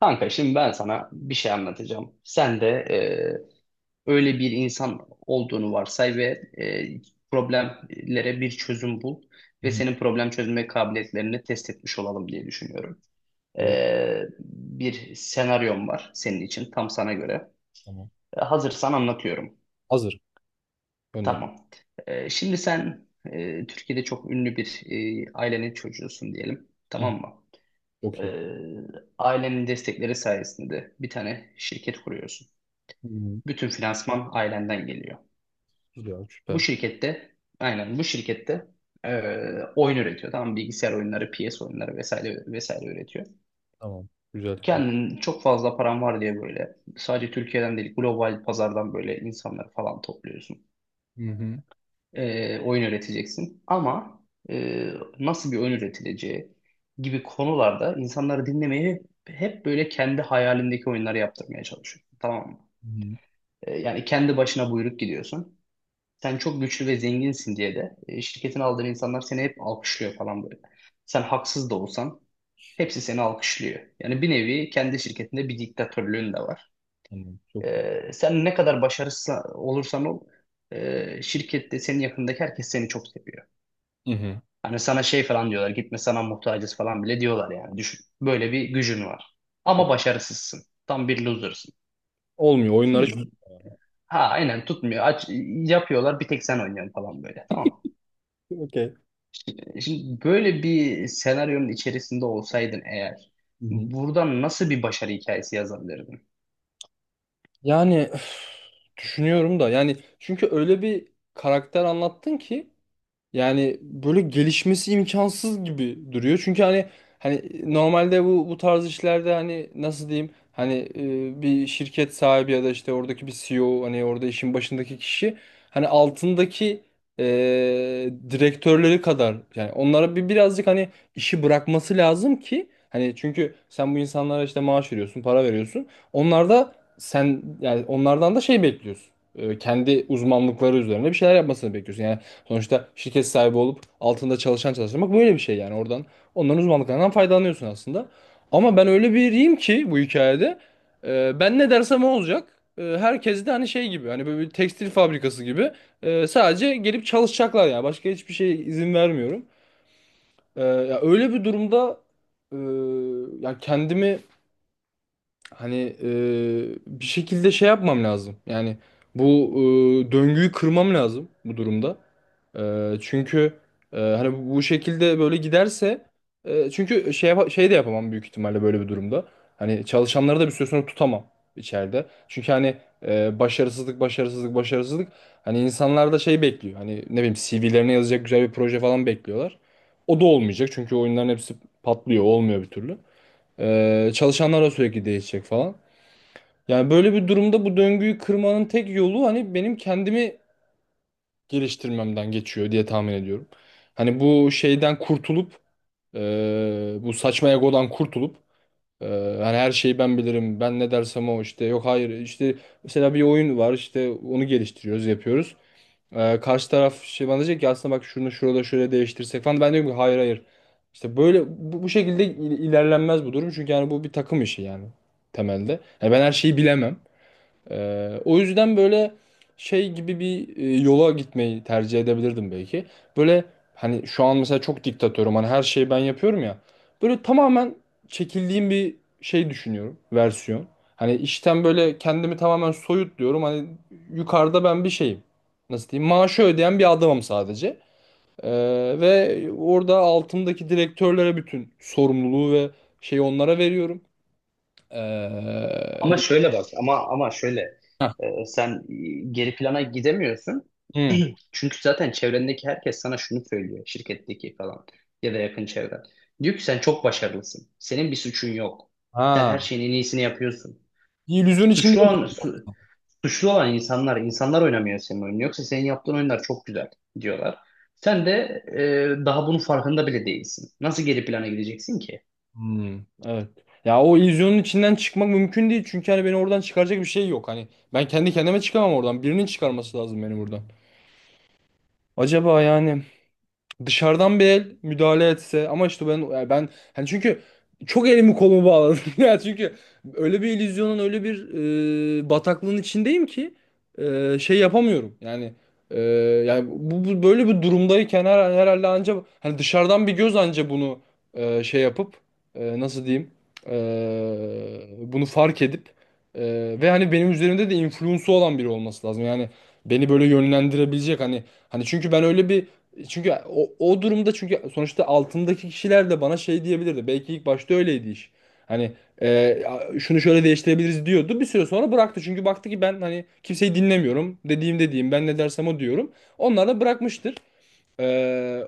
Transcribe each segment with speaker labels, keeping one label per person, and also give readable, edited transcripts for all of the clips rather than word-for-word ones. Speaker 1: Kanka şimdi ben sana bir şey anlatacağım. Sen de öyle bir insan olduğunu varsay ve e, problemlere bir çözüm bul
Speaker 2: Hı
Speaker 1: ve
Speaker 2: hı.
Speaker 1: senin problem çözme kabiliyetlerini test etmiş olalım diye düşünüyorum.
Speaker 2: Böyle,
Speaker 1: Bir senaryom var senin için tam sana göre.
Speaker 2: tamam.
Speaker 1: Hazırsan anlatıyorum.
Speaker 2: Hazır. Gönder.
Speaker 1: Tamam. Şimdi sen Türkiye'de çok ünlü bir ailenin çocuğusun diyelim.
Speaker 2: Heh.
Speaker 1: Tamam mı? E,
Speaker 2: Çok iyi.
Speaker 1: Ailenin destekleri sayesinde bir tane şirket kuruyorsun.
Speaker 2: Hı hı.
Speaker 1: Bütün finansman ailenden geliyor.
Speaker 2: Güzel.
Speaker 1: Bu
Speaker 2: Süper.
Speaker 1: şirkette aynen bu şirkette oyun üretiyor. Tamam mı? Bilgisayar oyunları, PS oyunları vesaire vesaire üretiyor.
Speaker 2: Tamam. Güzel.
Speaker 1: Kendin çok fazla paran var diye böyle sadece Türkiye'den değil global pazardan böyle insanları falan topluyorsun.
Speaker 2: Hı hı.
Speaker 1: Oyun üreteceksin. Ama eee, nasıl bir oyun üretileceği gibi konularda insanları dinlemeye hep böyle kendi hayalindeki oyunları yaptırmaya çalışıyorsun. Tamam mı?
Speaker 2: Hı hı.
Speaker 1: Yani kendi başına buyruk gidiyorsun. Sen çok güçlü ve zenginsin diye de şirketin aldığın insanlar seni hep alkışlıyor falan böyle. Sen haksız da olsan hepsi seni alkışlıyor. Yani bir nevi kendi şirketinde bir diktatörlüğün de var.
Speaker 2: Tamam. Çok iyi.
Speaker 1: Sen ne kadar başarısız olursan ol şirkette senin yakındaki herkes seni çok seviyor.
Speaker 2: Hı hı.
Speaker 1: Hani sana şey falan diyorlar, gitme sana muhtacız falan bile diyorlar, yani düşün. Böyle bir gücün var. Ama başarısızsın. Tam bir loser'sın.
Speaker 2: Olmuyor. Oyunlar hiç...
Speaker 1: Şimdi ha aynen tutmuyor. Aç, yapıyorlar bir tek sen oynuyorsun falan böyle, tamam mı?
Speaker 2: Okey.
Speaker 1: Şimdi böyle bir senaryonun içerisinde olsaydın eğer
Speaker 2: Hı hı.
Speaker 1: buradan nasıl bir başarı hikayesi yazabilirdin?
Speaker 2: Yani üf, düşünüyorum da, yani çünkü öyle bir karakter anlattın ki yani böyle gelişmesi imkansız gibi duruyor. Çünkü hani normalde bu tarz işlerde hani nasıl diyeyim, hani bir şirket sahibi ya da işte oradaki bir CEO, hani orada işin başındaki kişi, hani altındaki e, direktörleri kadar yani onlara bir birazcık hani işi bırakması lazım ki, hani çünkü sen bu insanlara işte maaş veriyorsun, para veriyorsun. Onlar da sen yani onlardan da şey bekliyorsun. Kendi uzmanlıkları üzerine bir şeyler yapmasını bekliyorsun. Yani sonuçta şirket sahibi olup altında çalışan çalıştırmak böyle bir şey, yani oradan onların uzmanlıklarından faydalanıyorsun aslında. Ama ben öyle biriyim ki bu hikayede ben ne dersem o olacak. Herkes de hani şey gibi, hani böyle bir tekstil fabrikası gibi sadece gelip çalışacaklar, yani başka hiçbir şeye izin vermiyorum. Ya öyle bir durumda, e, ya kendimi hani bir şekilde şey yapmam lazım. Yani bu döngüyü kırmam lazım bu durumda. Çünkü hani bu şekilde böyle giderse çünkü şey de yapamam büyük ihtimalle böyle bir durumda. Hani çalışanları da bir süre sonra tutamam içeride. Çünkü hani başarısızlık başarısızlık başarısızlık, hani insanlar da şey bekliyor. Hani ne bileyim, CV'lerine yazacak güzel bir proje falan bekliyorlar. O da olmayacak çünkü oyunların hepsi patlıyor, olmuyor bir türlü. Çalışanlar da sürekli değişecek falan. Yani böyle bir durumda bu döngüyü kırmanın tek yolu hani benim kendimi geliştirmemden geçiyor diye tahmin ediyorum. Hani bu şeyden kurtulup bu saçma egodan kurtulup, e, hani her şeyi ben bilirim, ben ne dersem o, işte yok, hayır, işte mesela bir oyun var, işte onu geliştiriyoruz, yapıyoruz. Karşı taraf şey bana diyecek ki aslında bak, şunu şurada şöyle değiştirsek falan. Ben diyorum ki hayır, hayır. İşte böyle bu şekilde ilerlenmez bu durum. Çünkü yani bu bir takım işi yani temelde. Yani ben her şeyi bilemem. O yüzden böyle şey gibi bir yola gitmeyi tercih edebilirdim belki. Böyle hani şu an mesela çok diktatörüm, hani her şeyi ben yapıyorum ya. Böyle tamamen çekildiğim bir şey düşünüyorum, versiyon. Hani işten böyle kendimi tamamen soyutluyorum. Hani yukarıda ben bir şeyim. Nasıl diyeyim? Maaşı ödeyen bir adamım sadece. Ee, Ve orada altımdaki direktörlere bütün sorumluluğu ve şeyi onlara veriyorum. Ee,
Speaker 1: Ama şöyle bak, ama şöyle
Speaker 2: Heh.
Speaker 1: sen geri plana gidemiyorsun.
Speaker 2: Hı.
Speaker 1: Çünkü zaten çevrendeki herkes sana şunu söylüyor, şirketteki falan ya da yakın çevren. Diyor ki sen çok başarılısın. Senin bir suçun yok. Sen
Speaker 2: Ha.
Speaker 1: her şeyin en iyisini yapıyorsun.
Speaker 2: Bir illüzyon içinde.
Speaker 1: Suçlu olan, su- Suçlu olan insanlar, insanlar oynamıyor senin oyunu. Yoksa senin yaptığın oyunlar çok güzel diyorlar. Sen de daha bunun farkında bile değilsin. Nasıl geri plana gideceksin ki?
Speaker 2: Hmm, evet. Ya o illüzyonun içinden çıkmak mümkün değil. Çünkü hani beni oradan çıkaracak bir şey yok. Hani ben kendi kendime çıkamam oradan. Birinin çıkarması lazım beni buradan. Acaba yani dışarıdan bir el müdahale etse, ama işte ben yani ben hani çünkü çok elimi kolumu bağladım ya, çünkü öyle bir illüzyonun, öyle bir bataklığın içindeyim ki şey yapamıyorum yani. e, Yani böyle bir durumdayken herhalde ancak hani dışarıdan bir göz anca bunu şey yapıp, nasıl diyeyim, e, bunu fark edip e, ve hani benim üzerimde de influence'u olan biri olması lazım, yani beni böyle yönlendirebilecek. Hani çünkü ben öyle bir, çünkü o durumda, çünkü sonuçta altındaki kişiler de bana şey diyebilirdi. Belki ilk başta öyleydi iş. Hani e, şunu şöyle değiştirebiliriz diyordu. Bir süre sonra bıraktı. Çünkü baktı ki ben hani kimseyi dinlemiyorum. Dediğim dediğim, ben ne dersem o diyorum. Onlar da bırakmıştır. E,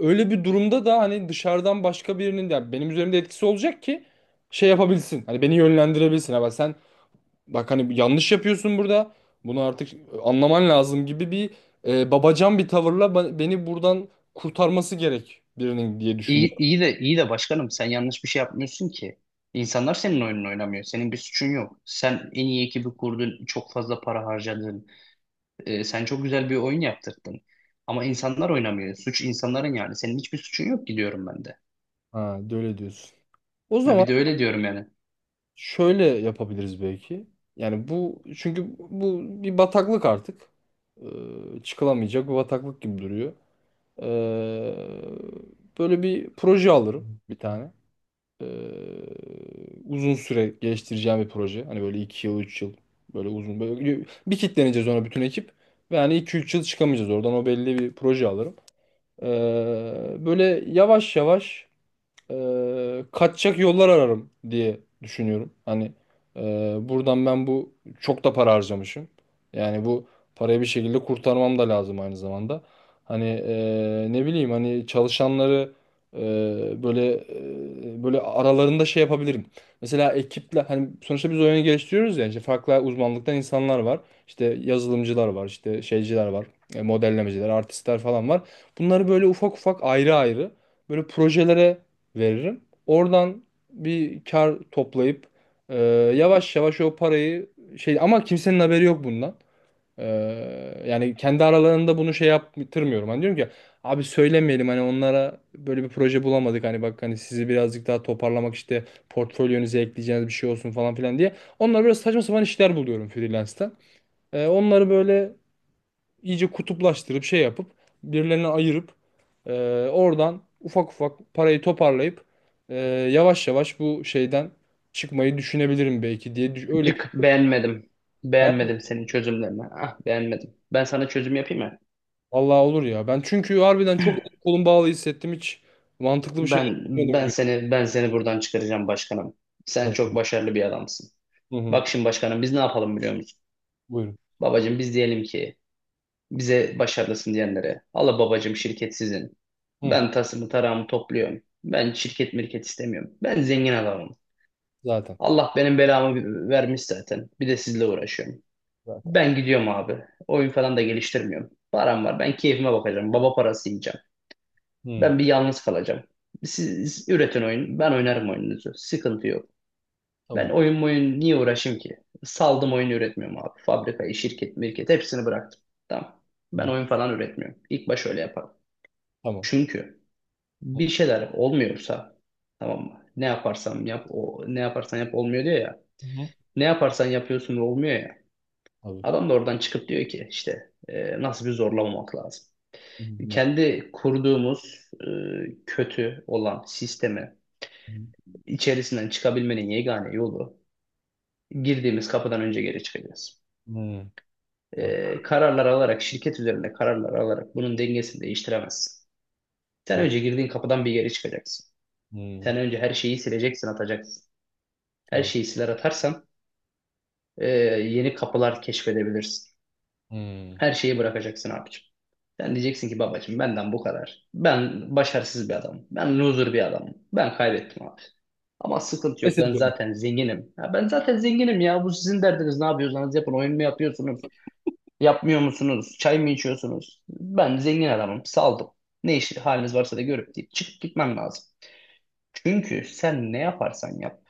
Speaker 2: Öyle bir durumda da hani dışarıdan başka birinin, yani benim üzerimde etkisi olacak ki şey yapabilsin. Hani beni yönlendirebilsin. Ama sen bak, hani yanlış yapıyorsun burada. Bunu artık anlaman lazım gibi bir babacan bir tavırla beni buradan kurtarması gerek birinin diye düşünüyorum.
Speaker 1: İyi, iyi de başkanım sen yanlış bir şey yapmıyorsun ki. İnsanlar senin oyununu oynamıyor. Senin bir suçun yok. Sen en iyi ekibi kurdun, çok fazla para harcadın. Sen çok güzel bir oyun yaptırdın. Ama insanlar oynamıyor. Suç insanların yani. Senin hiçbir suçun yok, gidiyorum ben de.
Speaker 2: Ha, de öyle diyorsun. O
Speaker 1: Ha,
Speaker 2: zaman
Speaker 1: bir de öyle diyorum yani.
Speaker 2: şöyle yapabiliriz belki. Yani bu, çünkü bu bir bataklık artık. Çıkılamayacak bir bataklık gibi duruyor. Ee, Böyle bir proje alırım bir tane. Ee, Uzun süre geliştireceğim bir proje. Hani böyle 2 yıl, 3 yıl, böyle uzun böyle bir kitleneceğiz ona bütün ekip. Ve hani 2-3 yıl çıkamayacağız oradan, o belli bir proje alırım. Böyle yavaş yavaş kaçacak yollar ararım diye düşünüyorum. Hani e, buradan ben bu çok da para harcamışım. Yani bu parayı bir şekilde kurtarmam da lazım aynı zamanda. Hani ne bileyim, hani çalışanları e, böyle böyle aralarında şey yapabilirim. Mesela ekiple, hani sonuçta biz oyunu geliştiriyoruz ya, işte farklı uzmanlıktan insanlar var. İşte yazılımcılar var, işte şeyciler var, modellemeciler, artistler falan var. Bunları böyle ufak ufak, ayrı ayrı böyle projelere veririm. Oradan bir kar toplayıp e, yavaş yavaş o parayı şey, ama kimsenin haberi yok bundan. E, Yani kendi aralarında bunu şey yaptırmıyorum. Hani diyorum ki abi söylemeyelim hani, onlara böyle bir proje bulamadık, hani bak hani sizi birazcık daha toparlamak işte, portfolyonuza ekleyeceğiniz bir şey olsun falan filan diye. Onlar biraz saçma sapan işler buluyorum freelance'ten. Onları böyle iyice kutuplaştırıp, şey yapıp birilerine ayırıp e, oradan ufak ufak parayı toparlayıp e, yavaş yavaş bu şeyden çıkmayı düşünebilirim belki diye öyle
Speaker 1: Cık,
Speaker 2: bir.
Speaker 1: beğenmedim. Beğenmedim senin çözümlerini. Ah, beğenmedim. Ben sana çözüm yapayım mı?
Speaker 2: Allah olur ya. Ben çünkü harbiden çok kolum bağlı hissettim. Hiç mantıklı bir şey
Speaker 1: Ben
Speaker 2: düşünmedim
Speaker 1: ben
Speaker 2: gibi.
Speaker 1: seni, ben seni buradan çıkaracağım başkanım. Sen çok
Speaker 2: Tamam.
Speaker 1: başarılı bir adamsın.
Speaker 2: Hı hı.
Speaker 1: Bak şimdi başkanım, biz ne yapalım biliyor musun?
Speaker 2: Buyurun.
Speaker 1: Babacım biz diyelim ki bize başarılısın diyenlere, Allah babacım şirket sizin.
Speaker 2: Hı.
Speaker 1: Ben tasımı tarağımı topluyorum. Ben şirket mirket istemiyorum. Ben zengin adamım.
Speaker 2: Zaten.
Speaker 1: Allah benim belamı vermiş zaten. Bir de sizle uğraşıyorum.
Speaker 2: Zaten.
Speaker 1: Ben gidiyorum abi. Oyun falan da geliştirmiyorum. Param var. Ben keyfime bakacağım. Baba parası yiyeceğim.
Speaker 2: Hı.
Speaker 1: Ben bir yalnız kalacağım. Siz üretin oyun. Ben oynarım oyununuzu. Sıkıntı yok. Ben
Speaker 2: Tamam.
Speaker 1: oyun niye uğraşayım ki? Saldım, oyun üretmiyorum abi. Fabrikayı, şirket, mirket hepsini bıraktım. Tamam.
Speaker 2: Hı.
Speaker 1: Ben oyun falan üretmiyorum. İlk baş öyle yaparım.
Speaker 2: Tamam.
Speaker 1: Çünkü
Speaker 2: Hı.
Speaker 1: bir şeyler olmuyorsa, tamam mı? Ne yaparsam yap, o ne yaparsan yap olmuyor diyor ya.
Speaker 2: Hı.
Speaker 1: Ne yaparsan yapıyorsun ve olmuyor ya.
Speaker 2: Tabii.
Speaker 1: Adam da oradan çıkıp diyor ki işte nasıl bir zorlamamak lazım.
Speaker 2: Hı.
Speaker 1: Kendi kurduğumuz kötü olan sistemi
Speaker 2: Hı.
Speaker 1: içerisinden çıkabilmenin yegane yolu, girdiğimiz kapıdan önce geri çıkacağız.
Speaker 2: Hı. Evet.
Speaker 1: Kararlar alarak, şirket üzerinde kararlar alarak bunun dengesini değiştiremezsin. Sen
Speaker 2: Doğru.
Speaker 1: önce girdiğin kapıdan bir geri çıkacaksın.
Speaker 2: Hı.
Speaker 1: Sen önce her şeyi sileceksin, atacaksın. Her
Speaker 2: Doğru.
Speaker 1: şeyi siler atarsan e, yeni kapılar keşfedebilirsin.
Speaker 2: Hı.
Speaker 1: Her şeyi bırakacaksın abicim. Sen diyeceksin ki babacım benden bu kadar. Ben başarısız bir adamım. Ben loser bir adamım. Ben kaybettim abi. Ama sıkıntı
Speaker 2: Pes
Speaker 1: yok. Ben
Speaker 2: ediyorum.
Speaker 1: zaten zenginim. Ya ben zaten zenginim ya. Bu sizin derdiniz. Ne yapıyorsanız yapın. Oyun mu yapıyorsunuz? Yapmıyor musunuz? Çay mı içiyorsunuz? Ben zengin adamım. Saldım. Ne işi haliniz varsa da görüp deyip çıkıp gitmem lazım. Çünkü sen ne yaparsan yap.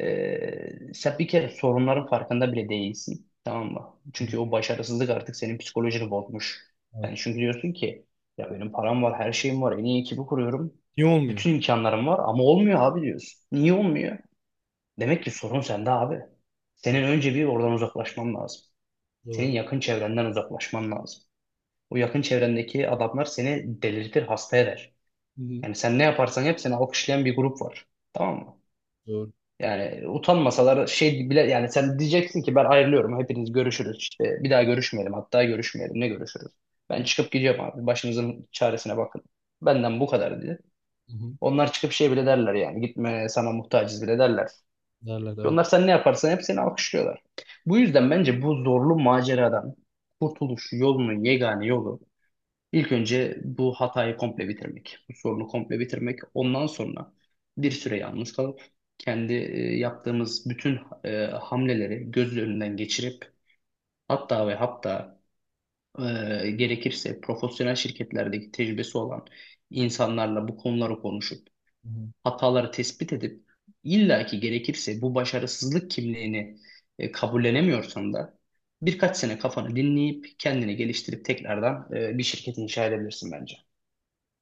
Speaker 1: Sen bir kere sorunların farkında bile değilsin. Tamam mı?
Speaker 2: Hı.
Speaker 1: Çünkü o başarısızlık artık senin psikolojini bozmuş.
Speaker 2: Evet.
Speaker 1: Sen çünkü diyorsun ki ya benim param var, her şeyim var, en iyi ekibi kuruyorum.
Speaker 2: İyi olmuyor.
Speaker 1: Bütün imkanlarım var ama olmuyor abi diyorsun. Niye olmuyor? Demek ki sorun sende abi. Senin önce bir oradan uzaklaşman lazım. Senin
Speaker 2: Doğru.
Speaker 1: yakın çevrenden uzaklaşman lazım. O yakın çevrendeki adamlar seni delirtir, hasta eder.
Speaker 2: Hı hı.
Speaker 1: Yani sen ne yaparsan yap seni alkışlayan bir grup var. Tamam mı?
Speaker 2: Doğru.
Speaker 1: Yani utanmasalar şey bile, yani sen diyeceksin ki ben ayrılıyorum hepiniz, görüşürüz işte, bir daha görüşmeyelim, hatta görüşmeyelim ne görüşürüz. Ben çıkıp gideceğim abi, başınızın çaresine bakın. Benden bu kadar diye.
Speaker 2: Hı hı.
Speaker 1: Onlar çıkıp şey bile derler, yani gitme sana muhtacız bile derler.
Speaker 2: Derler evet.
Speaker 1: Onlar sen ne yaparsan hep seni alkışlıyorlar. Bu yüzden bence bu zorlu maceradan kurtuluş yolunun yegane yolu, İlk önce bu hatayı komple bitirmek, bu sorunu komple bitirmek. Ondan sonra bir süre yalnız kalıp kendi yaptığımız bütün hamleleri göz önünden geçirip, hatta ve hatta gerekirse profesyonel şirketlerdeki tecrübesi olan insanlarla bu konuları konuşup
Speaker 2: Hı hı.
Speaker 1: hataları tespit edip, illaki gerekirse bu başarısızlık kimliğini kabullenemiyorsan da birkaç sene kafanı dinleyip kendini geliştirip tekrardan bir şirket inşa edebilirsin bence.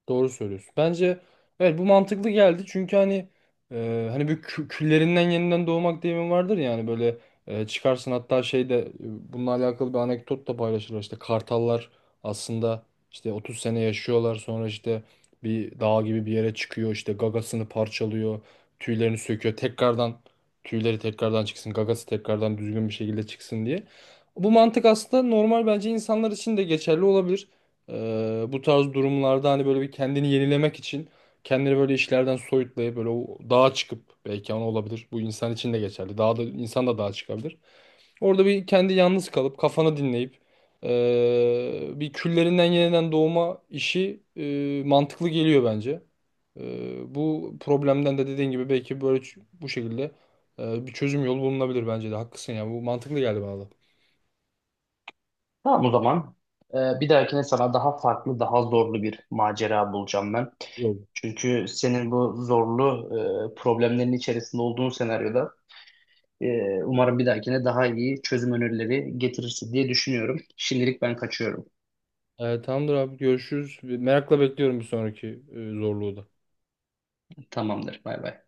Speaker 2: Doğru söylüyorsun. Bence evet, bu mantıklı geldi. Çünkü hani hani bir küllerinden yeniden doğmak deyimi vardır ya, hani böyle çıkarsın, hatta şey de, bununla alakalı bir anekdot da paylaşılır. İşte kartallar aslında işte 30 sene yaşıyorlar, sonra işte bir dağ gibi bir yere çıkıyor, işte gagasını parçalıyor, tüylerini söküyor tekrardan, tüyleri tekrardan çıksın, gagası tekrardan düzgün bir şekilde çıksın diye. Bu mantık aslında normal, bence insanlar için de geçerli olabilir. Bu tarz durumlarda hani böyle bir kendini yenilemek için kendini böyle işlerden soyutlayıp böyle o dağa çıkıp belki, ama olabilir. Bu insan için de geçerli. Dağa da, insan da dağa çıkabilir. Orada bir kendi yalnız kalıp kafanı dinleyip bir küllerinden yeniden doğma işi mantıklı geliyor bence. Bu problemden de dediğin gibi belki böyle bu şekilde bir çözüm yolu bulunabilir bence de. Haklısın ya. Bu mantıklı geldi bana
Speaker 1: Tamam o zaman. Bir dahakine sana daha farklı, daha zorlu bir macera bulacağım ben.
Speaker 2: da.
Speaker 1: Çünkü senin bu zorlu problemlerin içerisinde olduğun senaryoda umarım bir dahakine daha iyi çözüm önerileri getirirsin diye düşünüyorum. Şimdilik ben kaçıyorum.
Speaker 2: Tamamdır abi, görüşürüz. Merakla bekliyorum bir sonraki zorluğu da.
Speaker 1: Tamamdır. Bay bay.